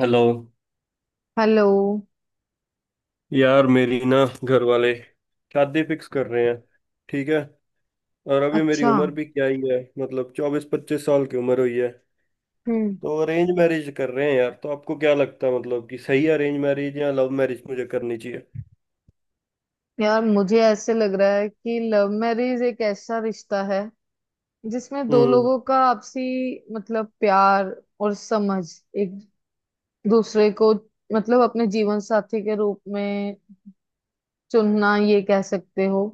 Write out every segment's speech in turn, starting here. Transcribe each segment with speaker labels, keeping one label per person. Speaker 1: Hello
Speaker 2: hello.
Speaker 1: यार, मेरी ना घर वाले शादी फिक्स कर रहे हैं, ठीक है। और अभी मेरी
Speaker 2: अच्छा।
Speaker 1: उम्र भी क्या ही है, मतलब 24-25 साल की उम्र हुई है।
Speaker 2: हम्म।
Speaker 1: तो अरेंज मैरिज कर रहे हैं यार, तो आपको क्या लगता है मतलब कि सही अरेंज मैरिज या लव मैरिज मुझे करनी चाहिए?
Speaker 2: यार मुझे ऐसे लग रहा है कि लव मैरिज एक ऐसा रिश्ता है जिसमें दो
Speaker 1: हम्म
Speaker 2: लोगों का आपसी मतलब प्यार और समझ एक दूसरे को मतलब अपने जीवन साथी के रूप में चुनना ये कह सकते हो।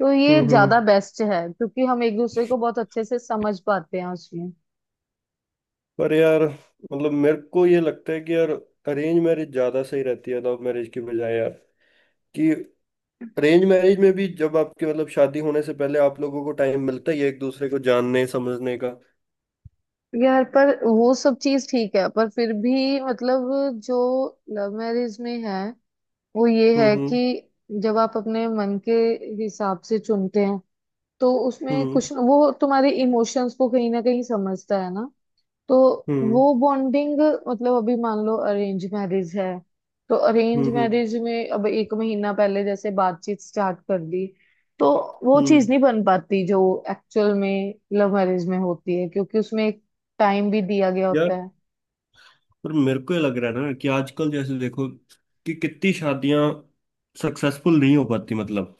Speaker 2: तो ये
Speaker 1: हम्म
Speaker 2: ज्यादा
Speaker 1: हम्म।
Speaker 2: बेस्ट है क्योंकि हम एक दूसरे को बहुत अच्छे से समझ पाते हैं उसमें।
Speaker 1: पर यार, मतलब मेरे को ये लगता है कि यार अरेंज मैरिज ज्यादा सही रहती है लव मैरिज की बजाय यार, कि अरेंज मैरिज में भी जब आपके मतलब शादी होने से पहले आप लोगों को टाइम मिलता ही है एक दूसरे को जानने समझने का।
Speaker 2: यार पर वो सब चीज ठीक है पर फिर भी मतलब जो लव मैरिज में है वो ये
Speaker 1: हम्म
Speaker 2: है
Speaker 1: हम्म
Speaker 2: कि जब आप अपने मन के हिसाब से चुनते हैं तो उसमें
Speaker 1: हम्म
Speaker 2: कुछ न, वो तुम्हारे इमोशंस को कहीं ना कहीं समझता है ना। तो
Speaker 1: हम्म
Speaker 2: वो बॉन्डिंग मतलब अभी मान लो अरेंज मैरिज है। तो अरेंज
Speaker 1: हम्म हम्म
Speaker 2: मैरिज में अब एक महीना पहले जैसे बातचीत स्टार्ट कर दी तो वो
Speaker 1: हम्म।
Speaker 2: चीज नहीं बन पाती जो एक्चुअल में लव मैरिज में होती है क्योंकि उसमें एक टाइम भी दिया गया होता
Speaker 1: यार
Speaker 2: है।
Speaker 1: पर मेरे को ये लग रहा है ना कि आजकल जैसे देखो कि कितनी शादियां सक्सेसफुल नहीं हो पाती मतलब,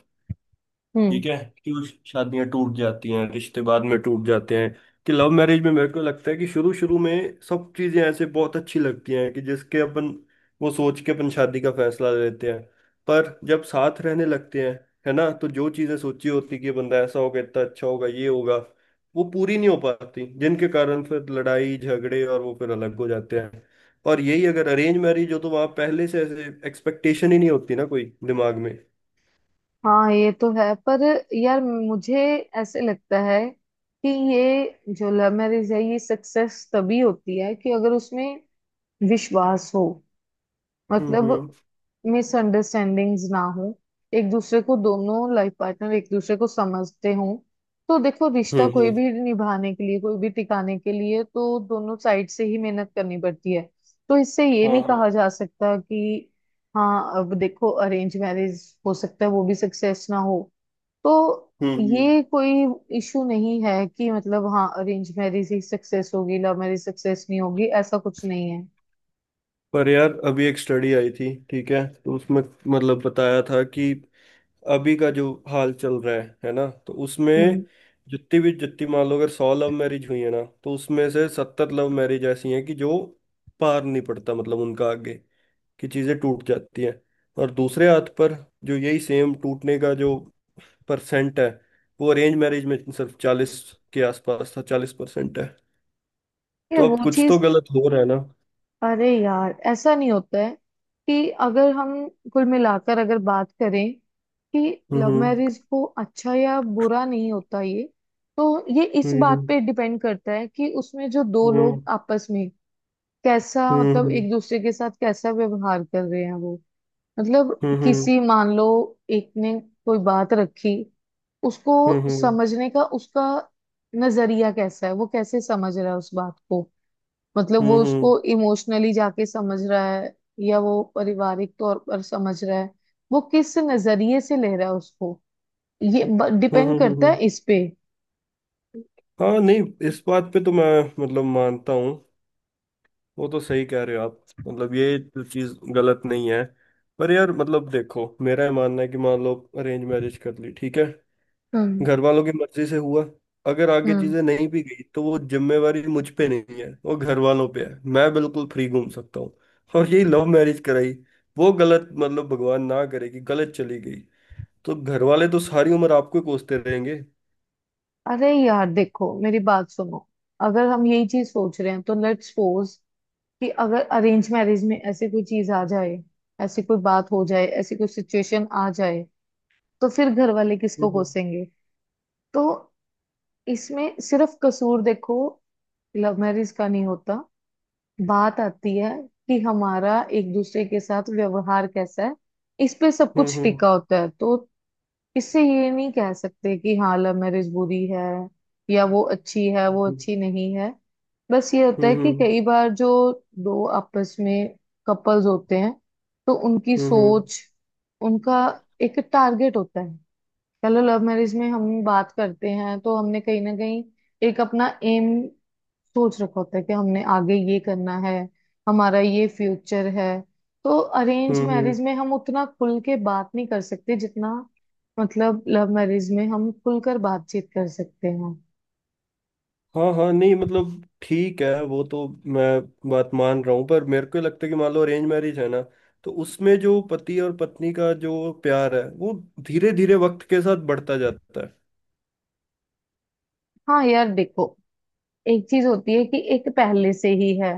Speaker 2: हम्म।
Speaker 1: ठीक है, क्यों शादियां टूट जाती हैं, रिश्ते बाद में टूट जाते हैं। कि लव मैरिज में मेरे को लगता है कि शुरू शुरू में सब चीजें ऐसे बहुत अच्छी लगती हैं कि जिसके अपन वो सोच के अपन शादी का फैसला लेते हैं, पर जब साथ रहने लगते हैं है ना, तो जो चीजें सोची होती कि ये बंदा ऐसा होगा, इतना अच्छा होगा, ये होगा, वो पूरी नहीं हो पाती जिनके कारण फिर लड़ाई झगड़े और वो फिर अलग हो जाते हैं। और यही अगर अरेंज मैरिज हो तो वहां पहले से ऐसे एक्सपेक्टेशन ही नहीं होती ना कोई दिमाग में।
Speaker 2: हाँ ये तो है पर यार मुझे ऐसे लगता है कि ये जो लव मैरिज है ये सक्सेस तभी होती है कि अगर उसमें विश्वास हो
Speaker 1: हम्म
Speaker 2: मतलब
Speaker 1: हम्म
Speaker 2: मिसअंडरस्टैंडिंग्स ना हो एक दूसरे को दोनों लाइफ पार्टनर एक दूसरे को समझते हों। तो देखो रिश्ता कोई
Speaker 1: हम्म
Speaker 2: भी निभाने के लिए कोई भी टिकाने के लिए तो दोनों साइड से ही मेहनत करनी पड़ती है। तो इससे ये
Speaker 1: हाँ
Speaker 2: नहीं
Speaker 1: हाँ
Speaker 2: कहा जा सकता कि हाँ अब देखो अरेंज मैरिज हो सकता है वो भी सक्सेस ना हो। तो
Speaker 1: हम्म हम्म।
Speaker 2: ये कोई इशू नहीं है कि मतलब हाँ अरेंज मैरिज ही सक्सेस होगी लव मैरिज सक्सेस नहीं होगी ऐसा कुछ नहीं है।
Speaker 1: पर यार अभी एक स्टडी आई थी, ठीक है, तो उसमें मतलब बताया था कि अभी का जो हाल चल रहा है ना, तो
Speaker 2: हम्म।
Speaker 1: उसमें जितनी मान लो अगर 100 लव मैरिज हुई है ना, तो उसमें से 70 लव मैरिज ऐसी हैं कि जो पार नहीं पड़ता मतलब उनका आगे, कि चीजें टूट जाती हैं। और दूसरे हाथ पर जो यही सेम टूटने का जो परसेंट है वो अरेंज मैरिज में सिर्फ 40 के आसपास था, 40% है।
Speaker 2: यार
Speaker 1: तो
Speaker 2: वो
Speaker 1: अब कुछ तो
Speaker 2: चीज
Speaker 1: गलत हो रहा है ना।
Speaker 2: अरे यार ऐसा नहीं होता है कि अगर हम कुल मिलाकर अगर बात करें कि
Speaker 1: हम्म
Speaker 2: लव
Speaker 1: हम्म
Speaker 2: मैरिज को अच्छा या बुरा नहीं होता ये। तो ये इस बात
Speaker 1: हम्म।
Speaker 2: पे डिपेंड करता है कि उसमें जो दो लोग
Speaker 1: हम्म
Speaker 2: आपस में कैसा मतलब
Speaker 1: हम्म
Speaker 2: एक दूसरे के साथ कैसा व्यवहार कर रहे हैं वो मतलब
Speaker 1: हम्म हम्म
Speaker 2: किसी मान लो एक ने कोई बात रखी उसको
Speaker 1: हम्म
Speaker 2: समझने का उसका नजरिया कैसा है वो कैसे समझ रहा है उस बात को मतलब वो
Speaker 1: हम्म
Speaker 2: उसको इमोशनली जाके समझ रहा है या वो पारिवारिक तौर पर समझ रहा है वो किस नजरिए से ले रहा है उसको। ये डिपेंड करता है
Speaker 1: हम्म।
Speaker 2: इस पे।
Speaker 1: हाँ नहीं, इस बात पे तो मैं मतलब मानता हूँ, वो तो सही कह रहे हो आप, मतलब ये तो चीज गलत नहीं है। पर यार मतलब देखो मेरा ये मानना है कि मान लो अरेंज मैरिज कर ली, ठीक है,
Speaker 2: हम्म
Speaker 1: घर वालों की मर्जी से हुआ, अगर आगे
Speaker 2: हम्म।
Speaker 1: चीजें नहीं भी गई तो वो जिम्मेवारी मुझ पे नहीं है, वो घर वालों पे है, मैं बिल्कुल फ्री घूम सकता हूँ। और यही लव मैरिज कराई, वो गलत मतलब भगवान ना करे कि गलत चली गई, तो घर वाले तो सारी उम्र आपको ही कोसते रहेंगे।
Speaker 2: अरे यार देखो मेरी बात सुनो। अगर हम यही चीज सोच रहे हैं तो लेट्स सपोज कि अगर अरेंज मैरिज में ऐसे कोई चीज आ जाए ऐसी कोई बात हो जाए ऐसी कोई सिचुएशन आ जाए तो फिर घर वाले किसको
Speaker 1: हम्म
Speaker 2: कोसेंगे। तो इसमें सिर्फ कसूर देखो लव मैरिज का नहीं होता। बात आती है कि हमारा एक दूसरे के साथ व्यवहार कैसा है इस पे सब
Speaker 1: हम्म
Speaker 2: कुछ
Speaker 1: हम्म
Speaker 2: टिका होता है। तो इससे ये नहीं कह सकते कि हाँ लव मैरिज बुरी है या वो अच्छी है वो अच्छी नहीं है। बस ये होता
Speaker 1: हम्म
Speaker 2: है कि
Speaker 1: हम्म
Speaker 2: कई बार जो दो आपस में कपल्स होते हैं तो उनकी
Speaker 1: हम्म
Speaker 2: सोच उनका एक टारगेट होता है। चलो लव मैरिज में हम बात करते हैं तो हमने कहीं ना कहीं एक अपना एम सोच रखा होता है कि हमने आगे ये करना है हमारा ये फ्यूचर है। तो अरेंज
Speaker 1: हम्म हम्म।
Speaker 2: मैरिज में हम उतना खुल के बात नहीं कर सकते जितना मतलब लव मैरिज में हम खुलकर बातचीत कर सकते हैं।
Speaker 1: हाँ हाँ नहीं मतलब ठीक है वो तो, मैं बात मान रहा हूँ, पर मेरे को लगता है कि मान लो अरेंज मैरिज है ना, तो उसमें जो पति और पत्नी का जो प्यार है वो धीरे धीरे वक्त के साथ बढ़ता जाता है।
Speaker 2: हाँ यार देखो एक चीज होती है कि एक पहले से ही है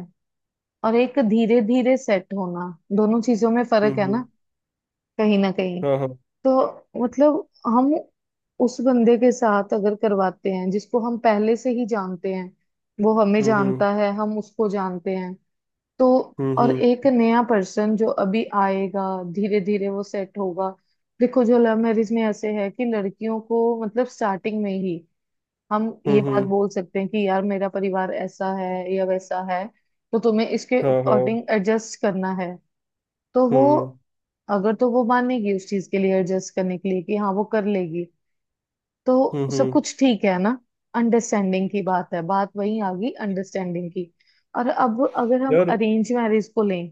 Speaker 2: और एक धीरे धीरे सेट होना दोनों चीजों में
Speaker 1: हम्म
Speaker 2: फर्क है ना
Speaker 1: हम्म
Speaker 2: कहीं ना कहीं।
Speaker 1: हाँ हाँ
Speaker 2: तो मतलब हम उस बंदे के साथ अगर करवाते हैं जिसको हम पहले से ही जानते हैं वो हमें
Speaker 1: हम्म हम्म
Speaker 2: जानता है हम उसको जानते हैं। तो और
Speaker 1: हम्म
Speaker 2: एक नया पर्सन जो अभी आएगा धीरे धीरे वो सेट होगा। देखो जो लव मैरिज में ऐसे है कि लड़कियों को मतलब स्टार्टिंग में ही हम
Speaker 1: हम्म
Speaker 2: ये
Speaker 1: हम्म
Speaker 2: बात
Speaker 1: हम्म,
Speaker 2: बोल सकते हैं कि यार मेरा परिवार ऐसा है या वैसा है तो तुम्हें इसके
Speaker 1: हाँ हाँ
Speaker 2: अकॉर्डिंग एडजस्ट करना है। तो वो
Speaker 1: हम्म
Speaker 2: अगर तो वो मानेगी उस चीज के लिए एडजस्ट करने के लिए कि हाँ वो कर लेगी तो
Speaker 1: हम्म
Speaker 2: सब
Speaker 1: हम्म
Speaker 2: कुछ ठीक है ना। अंडरस्टैंडिंग की बात है बात वही आ गई अंडरस्टैंडिंग की। और अब अगर हम
Speaker 1: यार
Speaker 2: अरेंज मैरिज को लें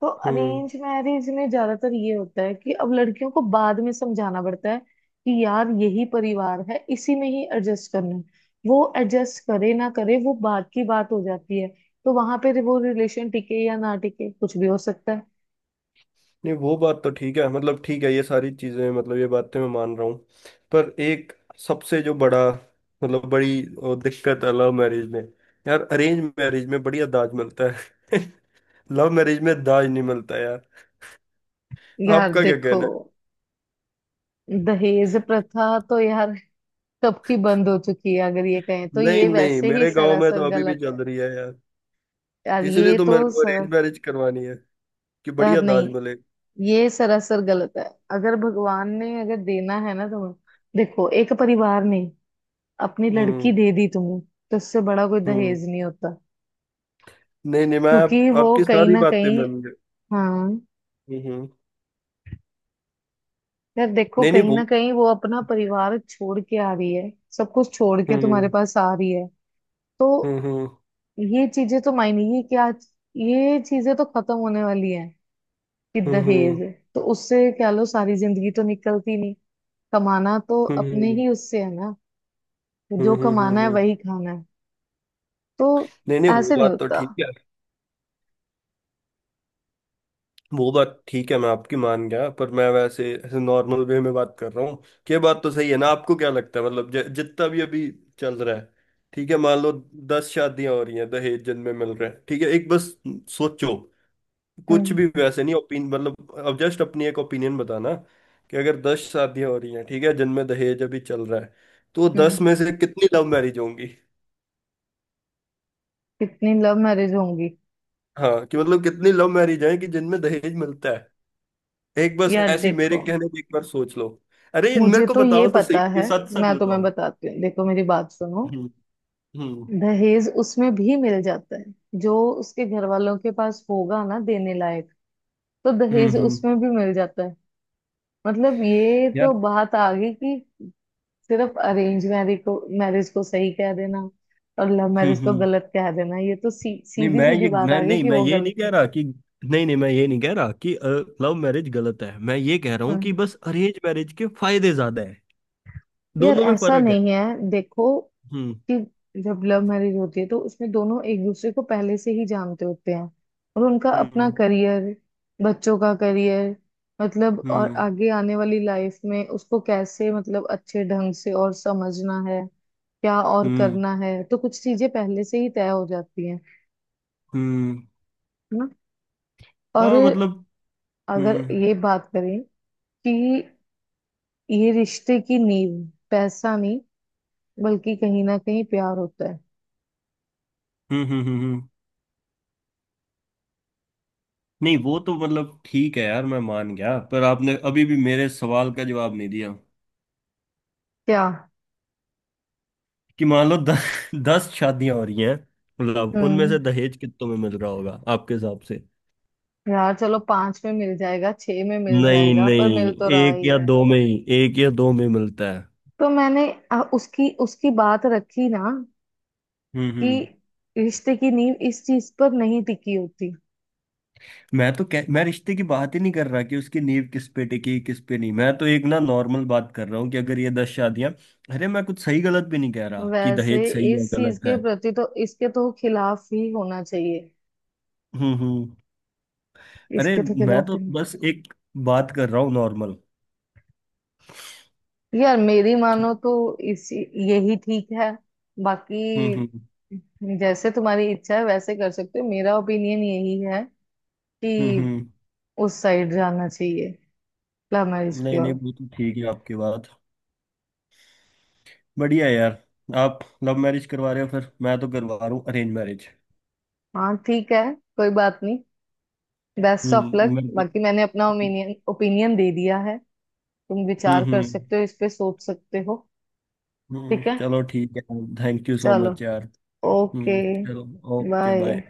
Speaker 2: तो
Speaker 1: हम्म।
Speaker 2: अरेंज मैरिज में ज्यादातर ये होता है कि अब लड़कियों को बाद में समझाना पड़ता है कि यार यही परिवार है इसी में ही एडजस्ट करना है। वो एडजस्ट करे ना करे वो बात की बात हो जाती है। तो वहां पे वो रिलेशन टिके या ना टिके कुछ भी हो सकता है।
Speaker 1: नहीं वो बात तो ठीक है, मतलब ठीक है, ये सारी चीजें मतलब ये बातें मैं मान रहा हूँ, पर एक सबसे जो बड़ा मतलब बड़ी दिक्कत है लव मैरिज में। यार अरेंज मैरिज में बढ़िया दाज मिलता है लव मैरिज में दाज नहीं मिलता यार।
Speaker 2: यार
Speaker 1: आपका क्या
Speaker 2: देखो
Speaker 1: कहना
Speaker 2: दहेज प्रथा तो यार कब की बंद हो चुकी है अगर ये कहें तो
Speaker 1: है? नहीं
Speaker 2: ये
Speaker 1: नहीं
Speaker 2: वैसे ही
Speaker 1: मेरे गांव में तो
Speaker 2: सरासर
Speaker 1: अभी भी
Speaker 2: गलत है।
Speaker 1: चल रही है यार,
Speaker 2: यार
Speaker 1: इसीलिए
Speaker 2: ये
Speaker 1: तो
Speaker 2: तो
Speaker 1: मेरे को
Speaker 2: सरा
Speaker 1: अरेंज मैरिज करवानी है कि
Speaker 2: यार
Speaker 1: बढ़िया
Speaker 2: नहीं,
Speaker 1: दाज मिले।
Speaker 2: ये सरासर गलत है। अगर भगवान ने अगर देना है ना तुम्हें देखो एक परिवार ने अपनी लड़की
Speaker 1: हम्म
Speaker 2: दे दी तुम्हें तो उससे बड़ा कोई
Speaker 1: हम्म।
Speaker 2: दहेज नहीं होता।
Speaker 1: नहीं नहीं मैं
Speaker 2: क्योंकि वो
Speaker 1: आपकी
Speaker 2: कहीं
Speaker 1: सारी
Speaker 2: ना
Speaker 1: बातें
Speaker 2: कहीं
Speaker 1: मान गया।
Speaker 2: हाँ
Speaker 1: हम्म।
Speaker 2: यार देखो
Speaker 1: नहीं नहीं
Speaker 2: कहीं
Speaker 1: वो।
Speaker 2: ना कहीं वो अपना परिवार छोड़ के आ रही है सब कुछ छोड़ के
Speaker 1: हम्म
Speaker 2: तुम्हारे
Speaker 1: हम्म
Speaker 2: पास आ रही है। तो
Speaker 1: हम्म हम्म
Speaker 2: ये चीजें तो मायने ये क्या ये चीजें तो खत्म होने वाली हैं कि दहेज।
Speaker 1: हम्म
Speaker 2: तो उससे क्या लो सारी जिंदगी तो निकलती नहीं कमाना तो
Speaker 1: हम्म
Speaker 2: अपने
Speaker 1: हम्म
Speaker 2: ही उससे है ना। जो
Speaker 1: हम्म हम्म
Speaker 2: कमाना है
Speaker 1: हम्म।
Speaker 2: वही खाना है। तो
Speaker 1: नहीं नहीं वो
Speaker 2: ऐसे नहीं
Speaker 1: बात तो
Speaker 2: होता।
Speaker 1: ठीक है, वो बात ठीक है, मैं आपकी मान गया, पर मैं वैसे ऐसे नॉर्मल वे में बात कर रहा हूँ। ये बात तो सही है ना? आपको क्या लगता है मतलब जितना भी अभी चल रहा है, ठीक है, मान लो 10 शादियां हो रही हैं दहेज जिनमें मिल रहे हैं, ठीक है, एक बस सोचो, कुछ
Speaker 2: हम्म
Speaker 1: भी वैसे नहीं ओपिन मतलब अब जस्ट अपनी एक ओपिनियन बताना कि अगर 10 शादियां हो रही हैं, ठीक है, जिनमें दहेज अभी चल रहा है, तो दस
Speaker 2: हम्म।
Speaker 1: में से कितनी लव मैरिज होंगी?
Speaker 2: कितनी लव मैरिज होंगी।
Speaker 1: हाँ कि मतलब कितनी लव मैरिज हैं कि जिनमें दहेज मिलता है, एक बस
Speaker 2: यार
Speaker 1: ऐसी मेरे
Speaker 2: देखो
Speaker 1: कहने पे एक बार सोच लो। अरे ये
Speaker 2: मुझे
Speaker 1: मेरे को
Speaker 2: तो ये
Speaker 1: बताओ तो सही,
Speaker 2: पता
Speaker 1: ये
Speaker 2: है।
Speaker 1: सच सच
Speaker 2: मैं तुम्हें
Speaker 1: बताओ।
Speaker 2: बताती हूँ देखो मेरी बात सुनो।
Speaker 1: हम्म हम्म
Speaker 2: दहेज उसमें भी मिल जाता है जो उसके घर वालों के पास होगा ना देने लायक। तो
Speaker 1: हम्म
Speaker 2: दहेज
Speaker 1: हम्म,
Speaker 2: उसमें भी मिल जाता है। मतलब ये तो
Speaker 1: यार
Speaker 2: बात आ गई कि सिर्फ अरेंज मैरिज को सही कह देना और लव मैरिज को
Speaker 1: हम्म।
Speaker 2: गलत कह देना ये तो
Speaker 1: नहीं,
Speaker 2: सीधी
Speaker 1: मैं
Speaker 2: सीधी
Speaker 1: ये
Speaker 2: बात
Speaker 1: मैं
Speaker 2: आ गई
Speaker 1: नहीं
Speaker 2: कि
Speaker 1: मैं
Speaker 2: वो
Speaker 1: ये नहीं
Speaker 2: गलत
Speaker 1: कह
Speaker 2: है।
Speaker 1: रहा कि, नहीं नहीं, मैं ये नहीं कह रहा कि लव मैरिज गलत है, मैं ये कह रहा हूँ कि
Speaker 2: हम्म।
Speaker 1: बस अरेंज मैरिज के फायदे ज्यादा हैं,
Speaker 2: यार
Speaker 1: दोनों में
Speaker 2: ऐसा
Speaker 1: फर्क है।
Speaker 2: नहीं है देखो
Speaker 1: हम्म
Speaker 2: कि जब लव मैरिज होती है तो उसमें दोनों एक दूसरे को पहले से ही जानते होते हैं और उनका अपना
Speaker 1: हम्म
Speaker 2: करियर बच्चों का करियर मतलब और
Speaker 1: हम्म
Speaker 2: आगे आने वाली लाइफ में उसको कैसे मतलब अच्छे ढंग से और समझना है क्या और
Speaker 1: हम्म
Speaker 2: करना है तो कुछ चीजें पहले से ही तय हो जाती हैं
Speaker 1: हम्म
Speaker 2: है ना। और
Speaker 1: हाँ मतलब
Speaker 2: अगर
Speaker 1: हम्म हम्म
Speaker 2: ये बात करें कि ये रिश्ते की नींव पैसा नहीं बल्कि कहीं ना कहीं प्यार होता है।
Speaker 1: हम्म हम्म हम्म। नहीं वो तो मतलब ठीक है यार मैं मान गया, पर आपने अभी भी मेरे सवाल का जवाब नहीं दिया
Speaker 2: क्या।
Speaker 1: कि मान लो 10 शादियां हो रही हैं, मतलब उनमें
Speaker 2: हम्म।
Speaker 1: से दहेज कितनों में मिल रहा होगा आपके हिसाब से?
Speaker 2: यार चलो पांच में मिल जाएगा छह में मिल
Speaker 1: नहीं
Speaker 2: जाएगा पर मिल
Speaker 1: नहीं
Speaker 2: तो रहा
Speaker 1: एक
Speaker 2: ही
Speaker 1: या
Speaker 2: है।
Speaker 1: दो में ही, एक या दो में मिलता है।
Speaker 2: तो मैंने उसकी उसकी बात रखी ना कि
Speaker 1: हम्म।
Speaker 2: रिश्ते की नींव इस चीज पर नहीं टिकी होती।
Speaker 1: मैं रिश्ते की बात ही नहीं कर रहा कि उसकी नींव किस पे टिकी किस पे नहीं, मैं तो एक ना नॉर्मल बात कर रहा हूँ कि अगर ये 10 शादियां, अरे मैं कुछ सही गलत भी नहीं कह रहा कि
Speaker 2: वैसे
Speaker 1: दहेज सही है
Speaker 2: इस चीज
Speaker 1: गलत
Speaker 2: के
Speaker 1: है।
Speaker 2: प्रति तो इसके तो खिलाफ ही होना चाहिए।
Speaker 1: हम्म। अरे
Speaker 2: इसके तो
Speaker 1: मैं
Speaker 2: खिलाफ
Speaker 1: तो
Speaker 2: ही नहीं।
Speaker 1: बस एक बात कर रहा हूँ नॉर्मल।
Speaker 2: यार मेरी मानो तो इस यही ठीक है
Speaker 1: हम्म
Speaker 2: बाकी
Speaker 1: हम्म
Speaker 2: जैसे तुम्हारी इच्छा है वैसे कर सकते हो मेरा ओपिनियन यही है कि
Speaker 1: हम्म।
Speaker 2: उस साइड जाना चाहिए लव मैरिज की
Speaker 1: नहीं नहीं
Speaker 2: ओर।
Speaker 1: वो तो ठीक है आपकी बात, बढ़िया है यार। आप लव मैरिज करवा रहे हो, फिर मैं तो करवा रहा हूँ अरेंज मैरिज।
Speaker 2: हाँ ठीक है कोई बात नहीं। बेस्ट ऑफ लक
Speaker 1: मेरे को
Speaker 2: बाकी मैंने अपना ओपिनियन ओपिनियन दे दिया है। तुम
Speaker 1: हम्म
Speaker 2: विचार कर
Speaker 1: हम्म
Speaker 2: सकते हो इस पे सोच सकते हो। ठीक है
Speaker 1: चलो ठीक है। थैंक यू सो
Speaker 2: चलो।
Speaker 1: मच यार।
Speaker 2: ओके
Speaker 1: हम्म चलो, ओके
Speaker 2: बाय।
Speaker 1: बाय।